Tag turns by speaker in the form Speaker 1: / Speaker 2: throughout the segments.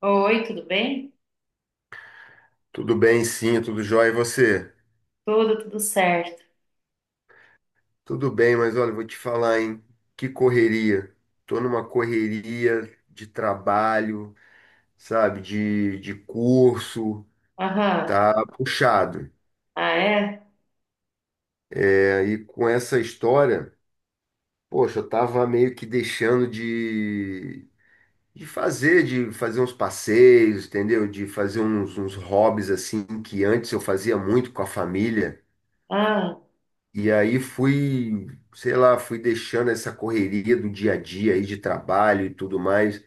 Speaker 1: Oi, tudo bem?
Speaker 2: Tudo bem, sim, tudo jóia. E você?
Speaker 1: Tudo certo.
Speaker 2: Tudo bem, mas olha, vou te falar, hein? Que correria. Tô numa correria de trabalho, sabe? De curso,
Speaker 1: Aham.
Speaker 2: tá puxado.
Speaker 1: Ah, é?
Speaker 2: É, e com essa história, poxa, eu tava meio que deixando de fazer uns passeios, entendeu? De fazer uns hobbies assim que antes eu fazia muito com a família.
Speaker 1: Ah,
Speaker 2: E aí fui, sei lá, fui deixando essa correria do dia a dia aí de trabalho e tudo mais,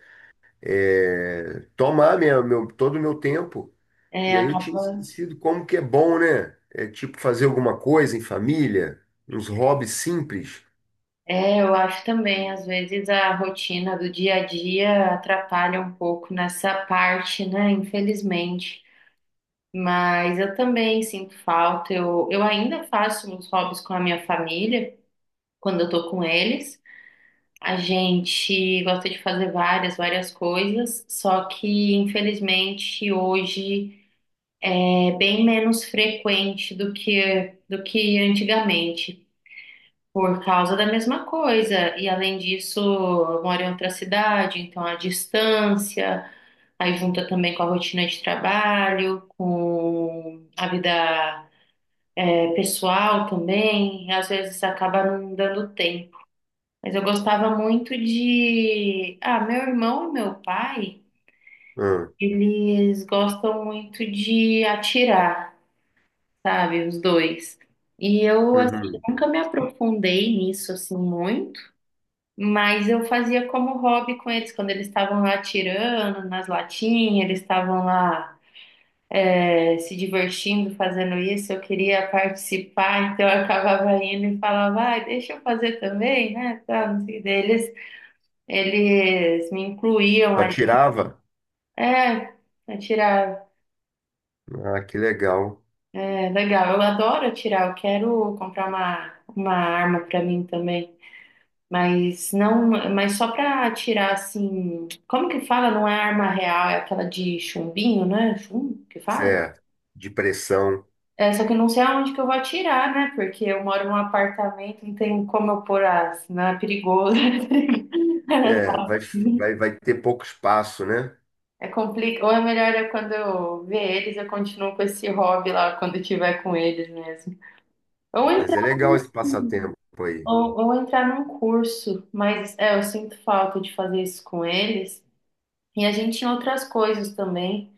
Speaker 2: é, tomar todo o meu tempo. E
Speaker 1: é,
Speaker 2: aí eu tinha
Speaker 1: acaba...
Speaker 2: esquecido como que é bom, né? É tipo fazer alguma coisa em família, uns hobbies simples.
Speaker 1: É, eu acho também, às vezes a rotina do dia a dia atrapalha um pouco nessa parte, né? Infelizmente. Mas eu também sinto falta. Eu ainda faço uns hobbies com a minha família, quando eu tô com eles. A gente gosta de fazer várias coisas, só que infelizmente hoje. É bem menos frequente do que antigamente, por causa da mesma coisa. E além disso, eu moro em outra cidade, então a distância, aí junta também com a rotina de trabalho, com a vida é, pessoal também, e às vezes acaba não dando tempo. Mas eu gostava muito de. Ah, meu irmão e meu pai,
Speaker 2: Ah,
Speaker 1: eles gostam muito de atirar. Sabe? Os dois. E eu, assim,
Speaker 2: uhum.
Speaker 1: nunca me aprofundei nisso, assim, muito, mas eu fazia como hobby com eles, quando eles estavam lá atirando nas latinhas, eles estavam lá, se divertindo fazendo isso, eu queria participar, então eu acabava indo e falava, vai, deixa eu fazer também, né? Tá, não sei, eles me incluíam
Speaker 2: Tu
Speaker 1: ali.
Speaker 2: atirava?
Speaker 1: É, atirar,
Speaker 2: Ah, que legal.
Speaker 1: é legal, eu adoro atirar, eu quero comprar uma arma pra mim também. Mas não, mas só pra tirar assim, como que fala? Não é arma real, é aquela de chumbinho, né? Chumbo que fala?
Speaker 2: Certo. De pressão.
Speaker 1: É, só que eu não sei aonde que eu vou atirar, né? Porque eu moro num apartamento, não tem como eu pôr as, não é perigoso. Era
Speaker 2: É,
Speaker 1: só.
Speaker 2: vai ter pouco espaço, né?
Speaker 1: É complicado. Ou é melhor é quando eu ver eles, eu continuo com esse hobby lá quando eu tiver com eles mesmo. Ou entrar,
Speaker 2: Mas é legal esse passatempo aí.
Speaker 1: ou entrar num curso, mas é, eu sinto falta de fazer isso com eles. E a gente em outras coisas também.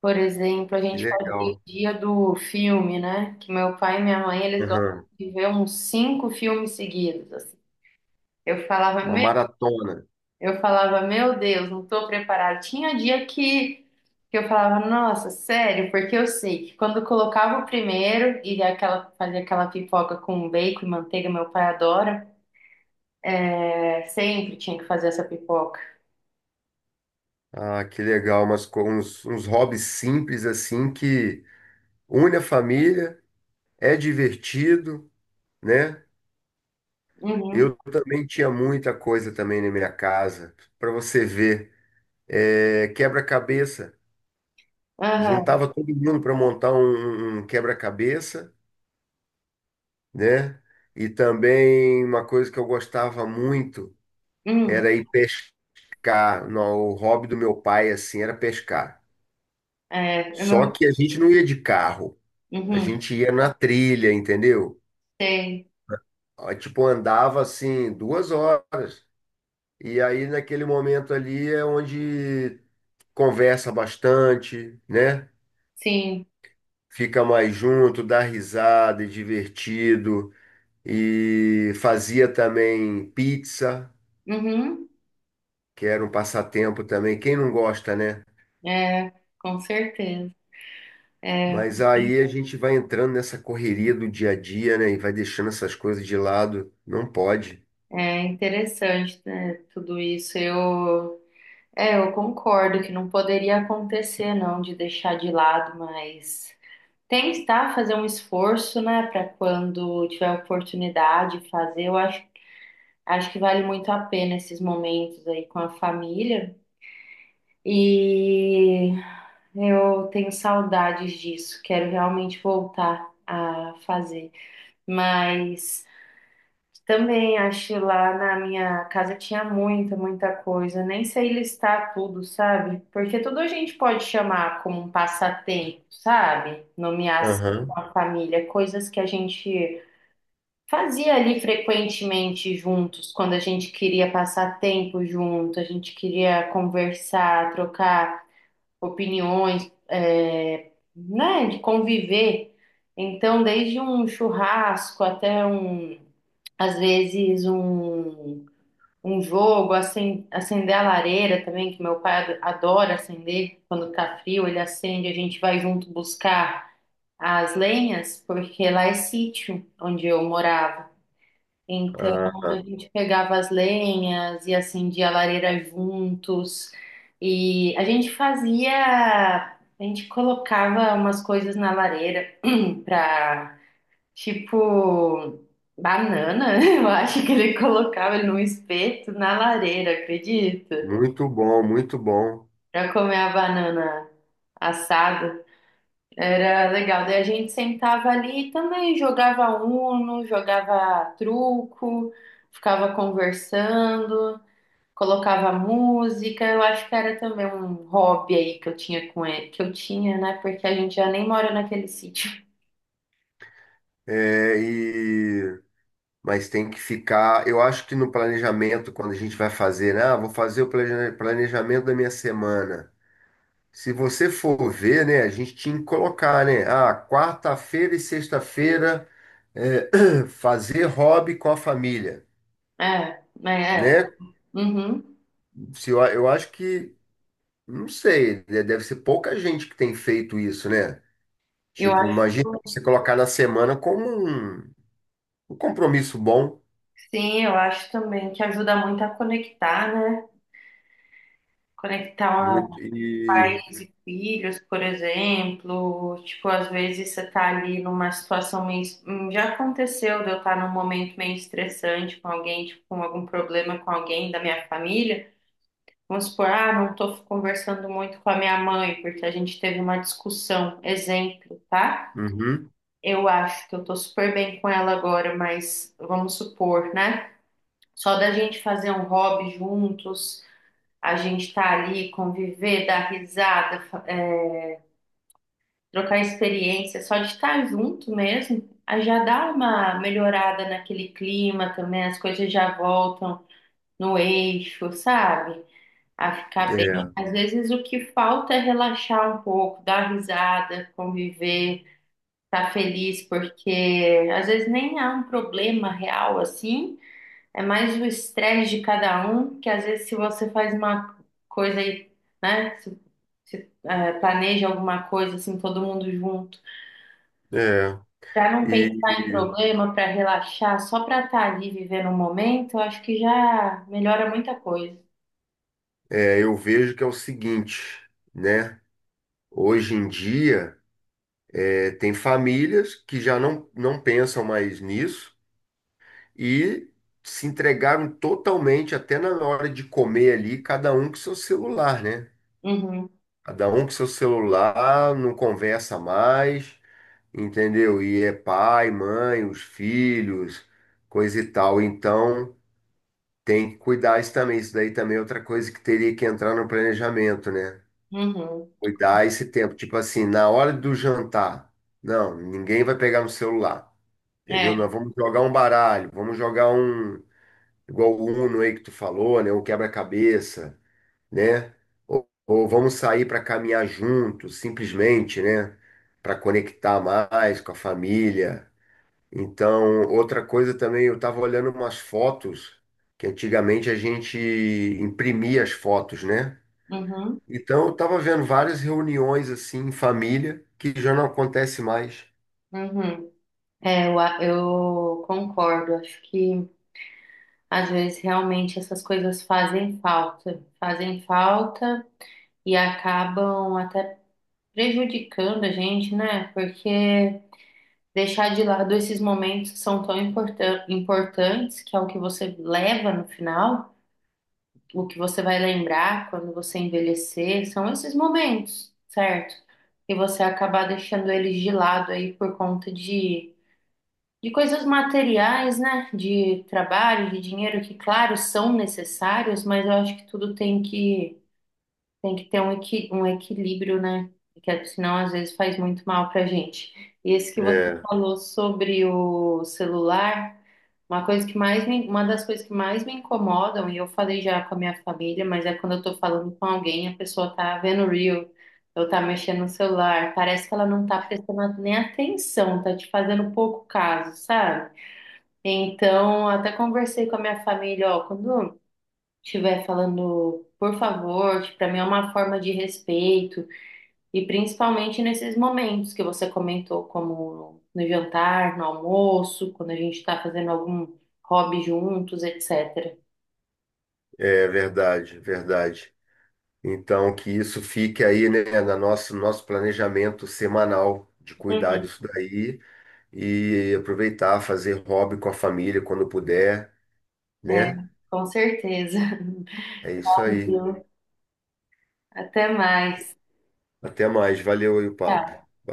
Speaker 1: Por exemplo, a
Speaker 2: Que
Speaker 1: gente fazia o
Speaker 2: legal.
Speaker 1: dia do filme, né? Que meu pai e minha mãe, eles gostam
Speaker 2: Aham.
Speaker 1: de ver uns cinco filmes seguidos, assim. Eu falava,
Speaker 2: Uma
Speaker 1: meu,
Speaker 2: maratona.
Speaker 1: eu falava, meu Deus, não tô preparada. Tinha que eu falava, nossa, sério, porque eu sei que quando eu colocava o primeiro e aquela, fazia aquela pipoca com bacon e manteiga, meu pai adora, é, sempre tinha que fazer essa pipoca.
Speaker 2: Ah, que legal, mas com uns hobbies simples assim que une a família, é divertido, né?
Speaker 1: Uhum,
Speaker 2: Eu também tinha muita coisa também na minha casa, para você ver, é, quebra-cabeça.
Speaker 1: aham,
Speaker 2: Juntava todo mundo para montar um quebra-cabeça, né? E também uma coisa que eu gostava muito
Speaker 1: hum,
Speaker 2: era ir pescar. Não, o hobby do meu pai assim era pescar.
Speaker 1: é, é
Speaker 2: Só
Speaker 1: meu,
Speaker 2: que a gente não ia de carro. A
Speaker 1: uhum,
Speaker 2: gente ia na trilha, entendeu?
Speaker 1: sei,
Speaker 2: Ah, tipo, andava assim 2 horas. E aí, naquele momento ali, é onde conversa bastante, né?
Speaker 1: sim,
Speaker 2: Fica mais junto, dá risada, é divertido. E fazia também pizza,
Speaker 1: uhum.
Speaker 2: que era um passatempo também. Quem não gosta, né?
Speaker 1: É, com certeza.
Speaker 2: Mas aí a gente vai entrando nessa correria do dia a dia, né? E vai deixando essas coisas de lado. Não pode.
Speaker 1: É interessante, né, tudo isso. Eu concordo que não poderia acontecer, não, de deixar de lado, mas tentar fazer um esforço, né, para quando tiver oportunidade fazer. Acho que vale muito a pena esses momentos aí com a família. E eu tenho saudades disso. Quero realmente voltar a fazer. Mas também acho lá na minha casa tinha muita coisa. Nem sei listar tudo, sabe? Porque tudo a gente pode chamar como um passatempo, sabe? Nomear assim
Speaker 2: Aham.
Speaker 1: com a família, coisas que a gente fazia ali frequentemente juntos, quando a gente queria passar tempo junto, a gente queria conversar, trocar opiniões, é, né? De conviver. Então, desde um churrasco até um às vezes um, um jogo, acender a lareira também, que meu pai adora acender quando tá frio, ele acende, a gente vai junto buscar as lenhas, porque lá é sítio onde eu morava. Então a
Speaker 2: Ah,
Speaker 1: gente pegava as lenhas e acendia a lareira juntos. E a gente fazia, a gente colocava umas coisas na lareira para tipo banana, eu acho que ele colocava ele num espeto na lareira, acredita?
Speaker 2: muito bom, muito bom.
Speaker 1: Pra comer a banana assada. Era legal. Daí a gente sentava ali e também jogava Uno, jogava truco, ficava conversando, colocava música. Eu acho que era também um hobby aí que eu tinha com ele, que eu tinha, né? Porque a gente já nem mora naquele sítio.
Speaker 2: É, e. Mas tem que ficar. Eu acho que no planejamento, quando a gente vai fazer, né? Ah, vou fazer o planejamento da minha semana. Se você for ver, né? A gente tinha que colocar, né? Ah, quarta-feira e sexta-feira, é, fazer hobby com a família,
Speaker 1: É, né? É.
Speaker 2: né?
Speaker 1: Uhum.
Speaker 2: Se eu acho que, não sei, né, deve ser pouca gente que tem feito isso, né?
Speaker 1: Eu
Speaker 2: Tipo, imagina
Speaker 1: acho.
Speaker 2: você colocar na semana como um compromisso bom.
Speaker 1: Sim, eu acho também que ajuda muito a conectar, né? Conectar
Speaker 2: Muito. E.
Speaker 1: pais e filhos, por exemplo. Tipo, às vezes você tá ali numa situação meio. Já aconteceu de eu estar num momento meio estressante com alguém, tipo, com algum problema com alguém da minha família. Vamos supor, ah, não tô conversando muito com a minha mãe, porque a gente teve uma discussão. Exemplo, tá?
Speaker 2: Uhum,
Speaker 1: Eu acho que eu tô super bem com ela agora, mas vamos supor, né? Só da gente fazer um hobby juntos a gente tá ali, conviver, dar risada, trocar experiência, só de estar junto mesmo, aí já dá uma melhorada naquele clima também, as coisas já voltam no eixo, sabe? A ficar bem.
Speaker 2: é,
Speaker 1: Às vezes o que falta é relaxar um pouco, dar risada, conviver, estar feliz, porque às vezes nem há um problema real assim, é mais o estresse de cada um, que às vezes se você faz uma coisa aí né? Você planeja alguma coisa assim, todo mundo junto,
Speaker 2: é.
Speaker 1: para não pensar em
Speaker 2: E
Speaker 1: problema, para relaxar, só para estar ali vivendo o momento, eu acho que já melhora muita coisa.
Speaker 2: é, eu vejo que é o seguinte, né? Hoje em dia, é, tem famílias que já não pensam mais nisso e se entregaram totalmente, até na hora de comer ali, cada um com seu celular, né?
Speaker 1: Uhum,
Speaker 2: Cada um com seu celular, não conversa mais, entendeu? E é pai, mãe, os filhos, coisa e tal. Então. Tem que cuidar isso também. Isso daí também é outra coisa que teria que entrar no planejamento, né?
Speaker 1: uhum,
Speaker 2: Cuidar esse tempo. Tipo assim, na hora do jantar, não, ninguém vai pegar no celular. Entendeu?
Speaker 1: é,
Speaker 2: Nós vamos jogar um baralho, vamos jogar um, igual o Uno aí que tu falou, né? Um quebra-cabeça, né? Ou vamos sair para caminhar juntos, simplesmente, né? Para conectar mais com a família. Então, outra coisa também, eu estava olhando umas fotos que antigamente a gente imprimia as fotos, né?
Speaker 1: uhum,
Speaker 2: Então, eu estava vendo várias reuniões assim em família que já não acontece mais.
Speaker 1: uhum. É, eu concordo. Acho que às vezes realmente essas coisas fazem falta e acabam até prejudicando a gente, né? Porque deixar de lado esses momentos que são tão importantes, que é o que você leva no final, o que você vai lembrar quando você envelhecer, são esses momentos, certo? E você acabar deixando eles de lado aí por conta de coisas materiais, né? De trabalho, de dinheiro, que, claro, são necessários, mas eu acho que tudo tem que ter um, equi um equilíbrio, né? Porque senão às vezes faz muito mal pra gente. E esse que você
Speaker 2: É,
Speaker 1: falou sobre o celular, uma das coisas que mais me incomodam, e eu falei já com a minha família, mas é quando eu tô falando com alguém, a pessoa tá vendo o Reel, ou tá mexendo no celular, parece que ela não tá prestando nem atenção, tá te fazendo pouco caso, sabe? Então, até conversei com a minha família, ó, quando estiver falando por favor, que para mim é uma forma de respeito, e principalmente nesses momentos que você comentou, como no jantar, no almoço, quando a gente está fazendo algum hobby juntos, etc.
Speaker 2: é verdade, verdade. Então, que isso fique aí, né, na nosso planejamento semanal de cuidar
Speaker 1: Uhum.
Speaker 2: disso daí e aproveitar, fazer hobby com a família quando puder,
Speaker 1: É,
Speaker 2: né?
Speaker 1: com certeza.
Speaker 2: É isso aí.
Speaker 1: Viu? Até mais.
Speaker 2: Até mais. Valeu aí o papo.
Speaker 1: Tchau.
Speaker 2: Valeu.